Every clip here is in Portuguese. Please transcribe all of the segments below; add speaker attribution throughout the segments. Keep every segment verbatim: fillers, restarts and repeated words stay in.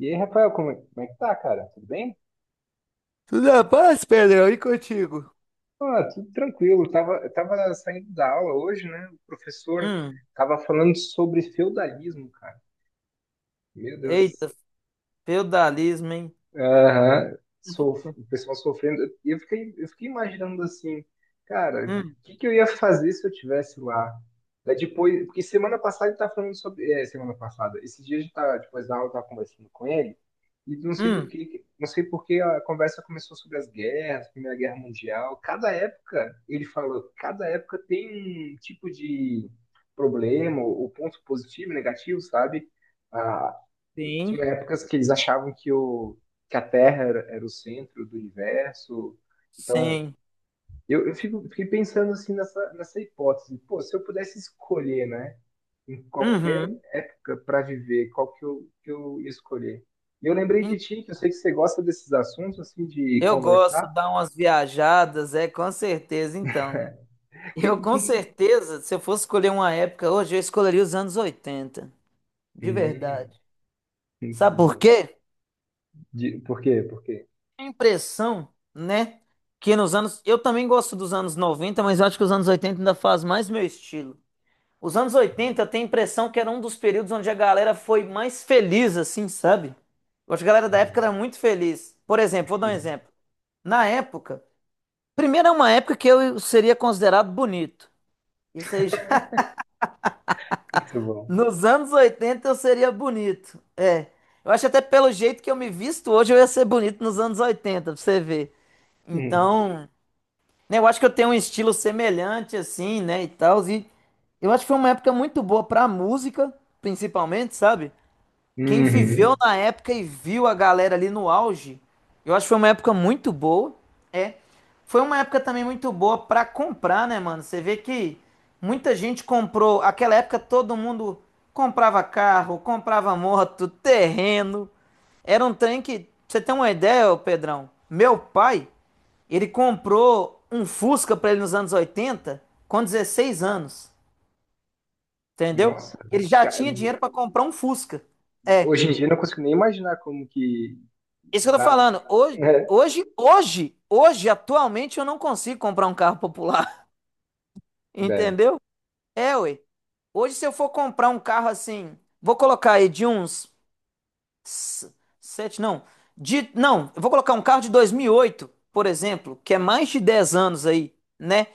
Speaker 1: E aí, Rafael, como é, como é que tá, cara? Tudo bem?
Speaker 2: Tudo na paz, Pedrão, e contigo?
Speaker 1: Ah, tudo tranquilo. Eu tava, eu tava saindo da aula hoje, né? O professor
Speaker 2: Hum,
Speaker 1: tava falando sobre feudalismo, cara. Meu Deus,
Speaker 2: eita, feudalismo, hein?
Speaker 1: aham, sof- o pessoal sofrendo. E eu fiquei, eu fiquei imaginando assim, cara,
Speaker 2: Hum,
Speaker 1: o que, que eu ia fazer se eu tivesse lá? Daí depois, porque semana passada ele tá falando sobre. É, semana passada. Esses dias a gente tá, depois da aula, eu tava conversando com ele, e não sei do
Speaker 2: hum,
Speaker 1: que, não sei por que a conversa começou sobre as guerras, Primeira Guerra Mundial. Cada época, ele falou, cada época tem um tipo de problema, ou ponto positivo, negativo, sabe? Ah,
Speaker 2: sim,
Speaker 1: tinha épocas que eles achavam que o que a Terra era, era o centro do universo. Então,
Speaker 2: sim.
Speaker 1: eu, eu fico, fiquei pensando assim nessa, nessa hipótese. Pô, se eu pudesse escolher, né, em qualquer
Speaker 2: Uhum.
Speaker 1: época para viver, qual que eu, que eu ia escolher? E eu lembrei de
Speaker 2: Hum.
Speaker 1: ti, que eu sei que você gosta desses assuntos, assim, de
Speaker 2: Eu gosto
Speaker 1: conversar.
Speaker 2: de dar umas viajadas, é, com certeza, então.
Speaker 1: Que,
Speaker 2: Eu, com
Speaker 1: que, que...
Speaker 2: certeza, se eu fosse escolher uma época hoje, eu escolheria os anos oitenta, de verdade.
Speaker 1: Hum, muito
Speaker 2: Sabe por
Speaker 1: bom.
Speaker 2: quê?
Speaker 1: De, por quê? Por quê?
Speaker 2: A impressão, né, que nos anos... Eu também gosto dos anos noventa, mas eu acho que os anos oitenta ainda faz mais meu estilo. Os anos oitenta eu tenho a impressão que era um dos períodos onde a galera foi mais feliz, assim, sabe? Eu acho que a galera da época
Speaker 1: Uhum.
Speaker 2: era muito feliz. Por exemplo, vou dar um
Speaker 1: Hum,
Speaker 2: exemplo. Na época, primeiro é uma época que eu seria considerado bonito. Isso aí já...
Speaker 1: muito bom.
Speaker 2: Nos anos oitenta eu seria bonito. É. Eu acho até pelo jeito que eu me visto hoje eu ia ser bonito nos anos oitenta, pra você ver.
Speaker 1: Uhum.
Speaker 2: Então, né, eu acho que eu tenho um estilo semelhante, assim, né, e tal. E eu acho que foi uma época muito boa pra música, principalmente, sabe? Quem viveu
Speaker 1: Uhum.
Speaker 2: na época e viu a galera ali no auge, eu acho que foi uma época muito boa. É. Foi uma época também muito boa pra comprar, né, mano? Você vê que muita gente comprou. Aquela época todo mundo comprava carro, comprava moto, terreno. Era um trem que, pra você tem uma ideia, ô Pedrão? Meu pai, ele comprou um Fusca pra ele nos anos oitenta com dezesseis anos, entendeu?
Speaker 1: Nossa,
Speaker 2: Ele já
Speaker 1: ca-
Speaker 2: tinha dinheiro pra comprar um Fusca. É.
Speaker 1: hoje em dia eu não consigo nem imaginar como que
Speaker 2: Isso que eu tô
Speaker 1: dava.
Speaker 2: falando. Hoje, hoje, hoje, hoje, atualmente, eu não consigo comprar um carro popular.
Speaker 1: É,
Speaker 2: Entendeu? É, ué. Hoje, se eu for comprar um carro assim, vou colocar aí de uns s- sete, não. De, não, eu vou colocar um carro de dois mil e oito, por exemplo, que é mais de dez anos aí, né?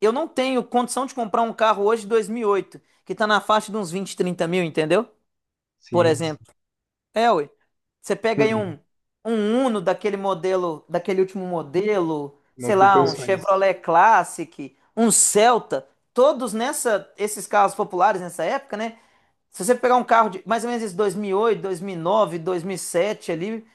Speaker 2: Eu não tenho condição de comprar um carro hoje de dois mil e oito que tá na faixa de uns vinte, trinta mil, entendeu? Por
Speaker 1: sim, sim.
Speaker 2: exemplo. É, ué. Você pega aí um, um Uno daquele modelo, daquele último modelo,
Speaker 1: Não
Speaker 2: sei
Speaker 1: tem
Speaker 2: lá, um
Speaker 1: condições.
Speaker 2: Chevrolet Classic, um Celta, todos nessa, esses carros populares nessa época, né? Se você pegar um carro de mais ou menos esse dois mil e oito, dois mil e nove, dois mil e sete ali,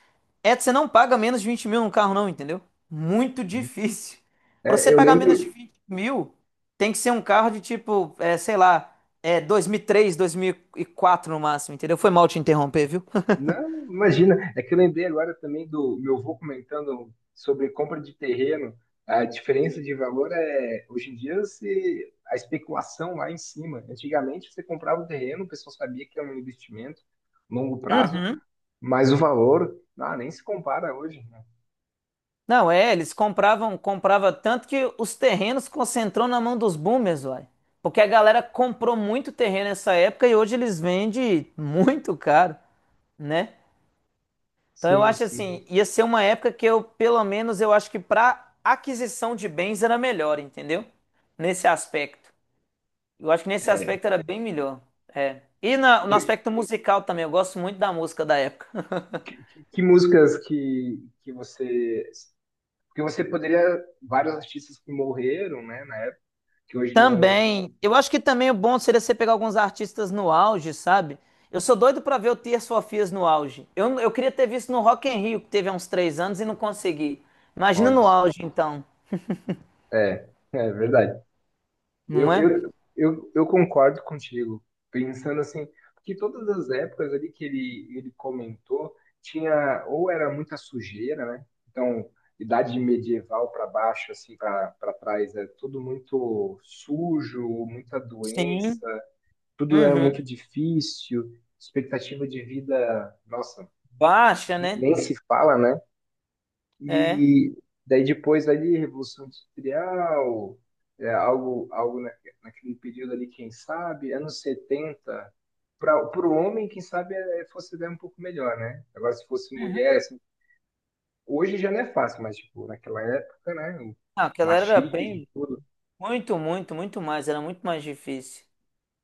Speaker 2: é, você não paga menos de vinte mil num carro não, entendeu? Muito
Speaker 1: Sim.
Speaker 2: difícil. Pra você
Speaker 1: É, eu
Speaker 2: pagar menos de
Speaker 1: lembro.
Speaker 2: vinte mil, tem que ser um carro de tipo, é, sei lá, é, dois mil e três, dois mil e quatro no máximo, entendeu? Foi mal te interromper, viu?
Speaker 1: Não, imagina. É que eu lembrei agora também do meu avô comentando sobre compra de terreno. A diferença de valor é. Hoje em dia, se, a especulação lá em cima. Antigamente, você comprava o terreno, o pessoal sabia que era um investimento, longo prazo,
Speaker 2: Uhum.
Speaker 1: mas o valor, ah, nem se compara hoje. Né?
Speaker 2: Não, é, eles compravam, comprava tanto que os terrenos concentrou na mão dos boomers, uai. Porque a galera comprou muito terreno nessa época e hoje eles vendem muito caro, né? Então eu
Speaker 1: Sim,
Speaker 2: acho
Speaker 1: sim.
Speaker 2: assim, ia ser uma época que eu, pelo menos, eu acho que para aquisição de bens era melhor, entendeu? Nesse aspecto. Eu acho que nesse aspecto era bem melhor. É. E na- no
Speaker 1: E,
Speaker 2: aspecto musical também, eu gosto muito da música da época.
Speaker 1: que, que- que músicas que, que você... Porque você poderia, vários artistas que morreram, né, na época, que hoje não.
Speaker 2: Também, eu acho que também o bom seria você pegar alguns artistas no auge, sabe? Eu sou doido pra ver o Tears for Fears no auge. Eu, eu queria ter visto no Rock in Rio, que teve há uns três anos e não consegui. Imagina
Speaker 1: Olha
Speaker 2: no
Speaker 1: só.
Speaker 2: auge, então,
Speaker 1: É, é verdade.
Speaker 2: não
Speaker 1: Eu,
Speaker 2: é?
Speaker 1: eu, eu, eu concordo contigo, pensando assim, que todas as épocas ali que ele, ele comentou, tinha, ou era muita sujeira, né? Então, idade medieval para baixo, assim, para para trás, é tudo muito sujo, muita
Speaker 2: Sim.
Speaker 1: doença, tudo é
Speaker 2: Uhum.
Speaker 1: muito difícil, expectativa de vida, nossa,
Speaker 2: Baixa, né?
Speaker 1: nem se fala, né?
Speaker 2: É.
Speaker 1: E daí depois ali, Revolução Industrial, é, algo, algo na, naquele período ali, quem sabe, anos setenta para o homem, quem sabe, é, é, fosse até um pouco melhor, né? Agora, se fosse
Speaker 2: Uhum.
Speaker 1: mulher, assim, hoje já não é fácil, mas, tipo, naquela época, né? O
Speaker 2: Ah, aquela era
Speaker 1: machismo,
Speaker 2: bem,
Speaker 1: tudo.
Speaker 2: muito, muito, muito mais, era muito mais difícil.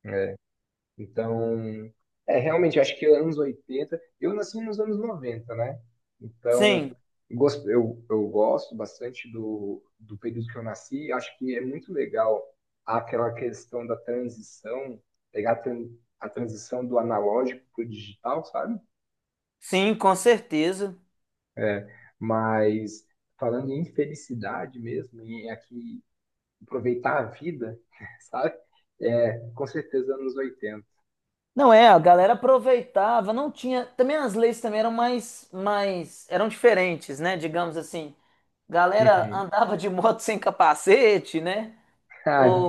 Speaker 1: Né? Então, é, realmente, eu acho que anos oitenta... Eu nasci nos anos noventa, né? Então,
Speaker 2: Sim,
Speaker 1: gos- eu, eu gosto bastante do, do período que eu nasci, acho que é muito legal aquela questão da transição, pegar a, tran- a transição do analógico para o digital, sabe?
Speaker 2: sim, com certeza.
Speaker 1: É, mas falando em felicidade mesmo, e aqui aproveitar a vida, sabe? É, com certeza anos oitenta...
Speaker 2: Não é, a galera aproveitava, não tinha, também as leis também eram mais, mais, eram diferentes, né? Digamos assim, galera
Speaker 1: Uhum.
Speaker 2: andava de moto sem capacete, né?
Speaker 1: Ah,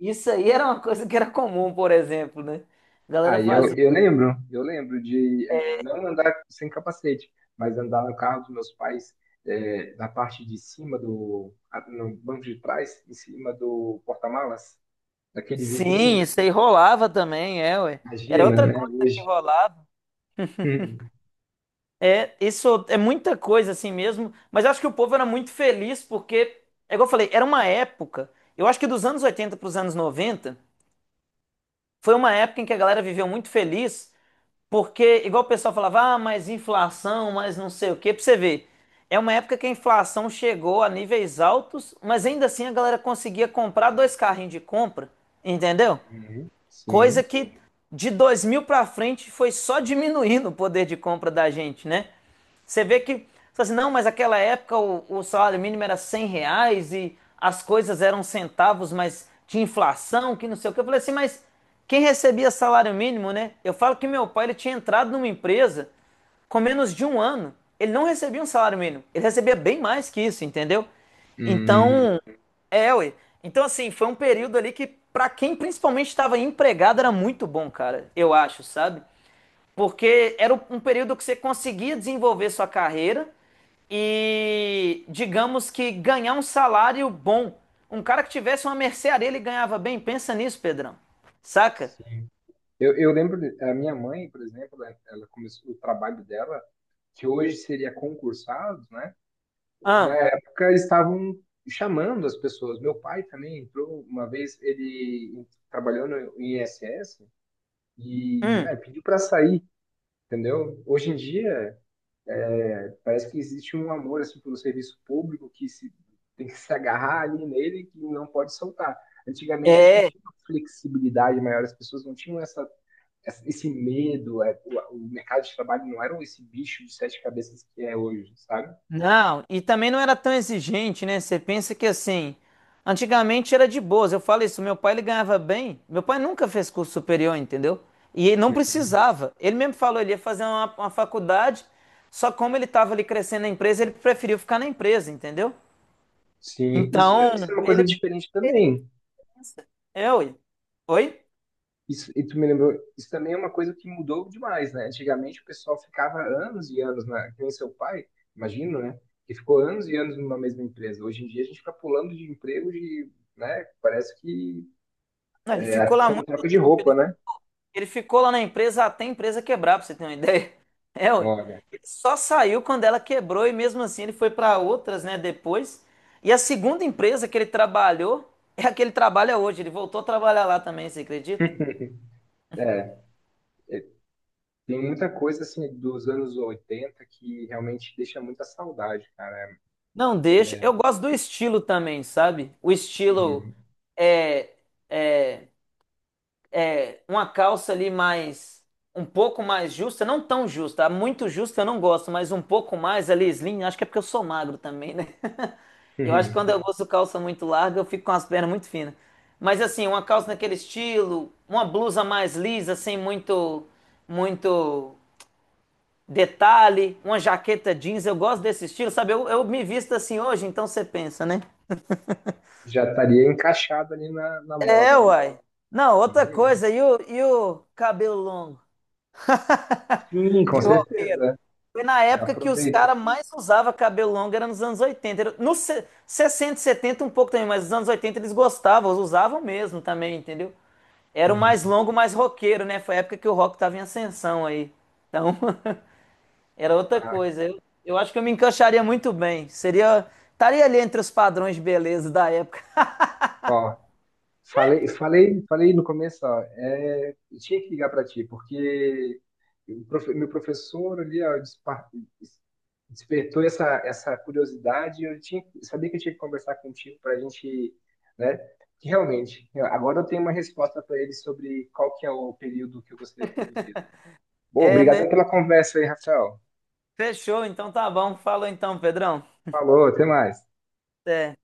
Speaker 2: Isso aí era uma coisa que era comum, por exemplo, né? A galera
Speaker 1: aí eu,
Speaker 2: fazia.
Speaker 1: eu lembro, eu lembro de, é, não andar sem capacete, mas andar no carro dos meus pais, é, na parte de cima do, a- no banco de trás, em cima do porta-malas, daquele
Speaker 2: Sim,
Speaker 1: vidrinho.
Speaker 2: isso aí rolava também, é, ué. Era
Speaker 1: Imagina,
Speaker 2: outra
Speaker 1: né,
Speaker 2: coisa que
Speaker 1: hoje.
Speaker 2: rolava.
Speaker 1: Uhum.
Speaker 2: É, isso é muita coisa assim mesmo, mas eu acho que o povo era muito feliz porque, é igual eu falei, era uma época, eu acho que dos anos oitenta para os anos noventa foi uma época em que a galera viveu muito feliz. Porque, igual o pessoal falava, ah, mas inflação, mas não sei o quê, pra você ver. É uma época que a inflação chegou a níveis altos, mas ainda assim a galera conseguia comprar dois carrinhos de compra, entendeu?
Speaker 1: Uhum. Sim.
Speaker 2: Coisa que de dois mil para frente foi só diminuindo o poder de compra da gente, né? Você vê que, você assim, não, mas aquela época o, o salário mínimo era cem reais e as coisas eram centavos, mas tinha inflação, que não sei o que. Eu falei assim, mas quem recebia salário mínimo, né? Eu falo que meu pai ele tinha entrado numa empresa com menos de um ano. Ele não recebia um salário mínimo, ele recebia bem mais que isso, entendeu?
Speaker 1: Hum,
Speaker 2: Então, é, ué. Então, assim, foi um período ali que, pra quem principalmente estava empregado, era muito bom, cara, eu acho, sabe? Porque era um período que você conseguia desenvolver sua carreira e, digamos que, ganhar um salário bom. Um cara que tivesse uma mercearia, ele ganhava bem. Pensa nisso, Pedrão. Saca?
Speaker 1: sim. Eu, eu lembro, de- a minha mãe, por exemplo, né, ela começou o trabalho dela, que hoje seria concursado, né? Na
Speaker 2: Ah,
Speaker 1: época estavam chamando as pessoas. Meu pai também entrou uma vez, ele trabalhou no INSS e,
Speaker 2: hum.
Speaker 1: ah, pediu para sair, entendeu? Hoje em dia parece que existe um amor assim pelo serviço público que se tem que se agarrar ali nele, que não pode soltar. Antigamente eu acho que tinha uma flexibilidade maior, as pessoas não tinham essa essa- esse medo, é, o, o mercado de trabalho não era esse bicho de sete cabeças que é hoje, sabe?
Speaker 2: Não, e também não era tão exigente, né? Você pensa que assim, antigamente era de boas. Eu falo isso, meu pai ele ganhava bem. Meu pai nunca fez curso superior, entendeu? E ele não precisava. Ele mesmo falou, ele ia fazer uma, uma faculdade, só como ele estava ali crescendo na empresa, ele preferiu ficar na empresa, entendeu?
Speaker 1: Sim, isso, isso é
Speaker 2: Então,
Speaker 1: uma coisa
Speaker 2: ele
Speaker 1: diferente também.
Speaker 2: pensa, é, oi. Oi?
Speaker 1: Isso, e tu me lembrou, isso também é uma coisa que mudou demais, né? Antigamente o pessoal ficava anos e anos, né? Que nem seu pai, imagino, né? Que ficou anos e anos numa mesma empresa. Hoje em dia a gente fica pulando de emprego, de, né? Parece que
Speaker 2: Não, ele
Speaker 1: é
Speaker 2: ficou lá
Speaker 1: como
Speaker 2: muito
Speaker 1: troca de
Speaker 2: tempo.
Speaker 1: roupa, né?
Speaker 2: Ele ficou lá na empresa até a empresa quebrar, pra você ter uma ideia. É, ué.
Speaker 1: Olha,
Speaker 2: Ele só saiu quando ela quebrou e mesmo assim ele foi para outras, né, depois. E a segunda empresa que ele trabalhou é a que ele trabalha hoje. Ele voltou a trabalhar lá também, você acredita?
Speaker 1: é, tem muita coisa assim dos anos oitenta que realmente deixa muita saudade, cara.
Speaker 2: Não deixa. Eu gosto do estilo também, sabe? O estilo
Speaker 1: Uhum,
Speaker 2: é, é, é uma calça ali mais um pouco mais justa, não tão justa, muito justa eu não gosto, mas um pouco mais ali slim, acho que é porque eu sou magro também, né? Eu acho que
Speaker 1: uhum.
Speaker 2: quando eu uso calça muito larga, eu fico com as pernas muito finas. Mas assim, uma calça naquele estilo, uma blusa mais lisa, sem muito, muito detalhe, uma jaqueta jeans, eu gosto desse estilo, sabe? Eu, eu me visto assim hoje, então você pensa, né?
Speaker 1: Já estaria encaixado ali na, na moda,
Speaker 2: É,
Speaker 1: né?
Speaker 2: uai. Não, outra
Speaker 1: Uhum.
Speaker 2: coisa, e o, e o cabelo longo
Speaker 1: Sim, com
Speaker 2: de roqueiro?
Speaker 1: certeza.
Speaker 2: Foi na
Speaker 1: Já
Speaker 2: época que os
Speaker 1: aproveita.
Speaker 2: caras mais usavam cabelo longo, era nos anos oitenta. Era Nos se- sessenta, setenta um pouco também, mas nos anos oitenta eles gostavam, usavam mesmo também, entendeu? Era o mais
Speaker 1: Uhum.
Speaker 2: longo, mais roqueiro, né? Foi a época que o rock tava em ascensão aí. Então, era outra
Speaker 1: Ah,
Speaker 2: coisa. Eu, eu acho que eu me encaixaria muito bem. Seria. Estaria ali entre os padrões de beleza da época.
Speaker 1: ó, Falei, falei, falei no começo, ó, é, eu tinha que ligar para ti, porque o profe- meu professor ali, ó, despa- despertou essa, essa curiosidade. E eu tinha, sabia que eu tinha que conversar contigo, para a gente, né? Que realmente, eu- agora eu tenho uma resposta para ele sobre qual que é o período que eu gostaria de ter vivido. Bom,
Speaker 2: É, né?
Speaker 1: obrigado pela conversa aí, Rafael.
Speaker 2: Fechou, então tá bom. Falou então, Pedrão.
Speaker 1: Falou, até mais.
Speaker 2: Até.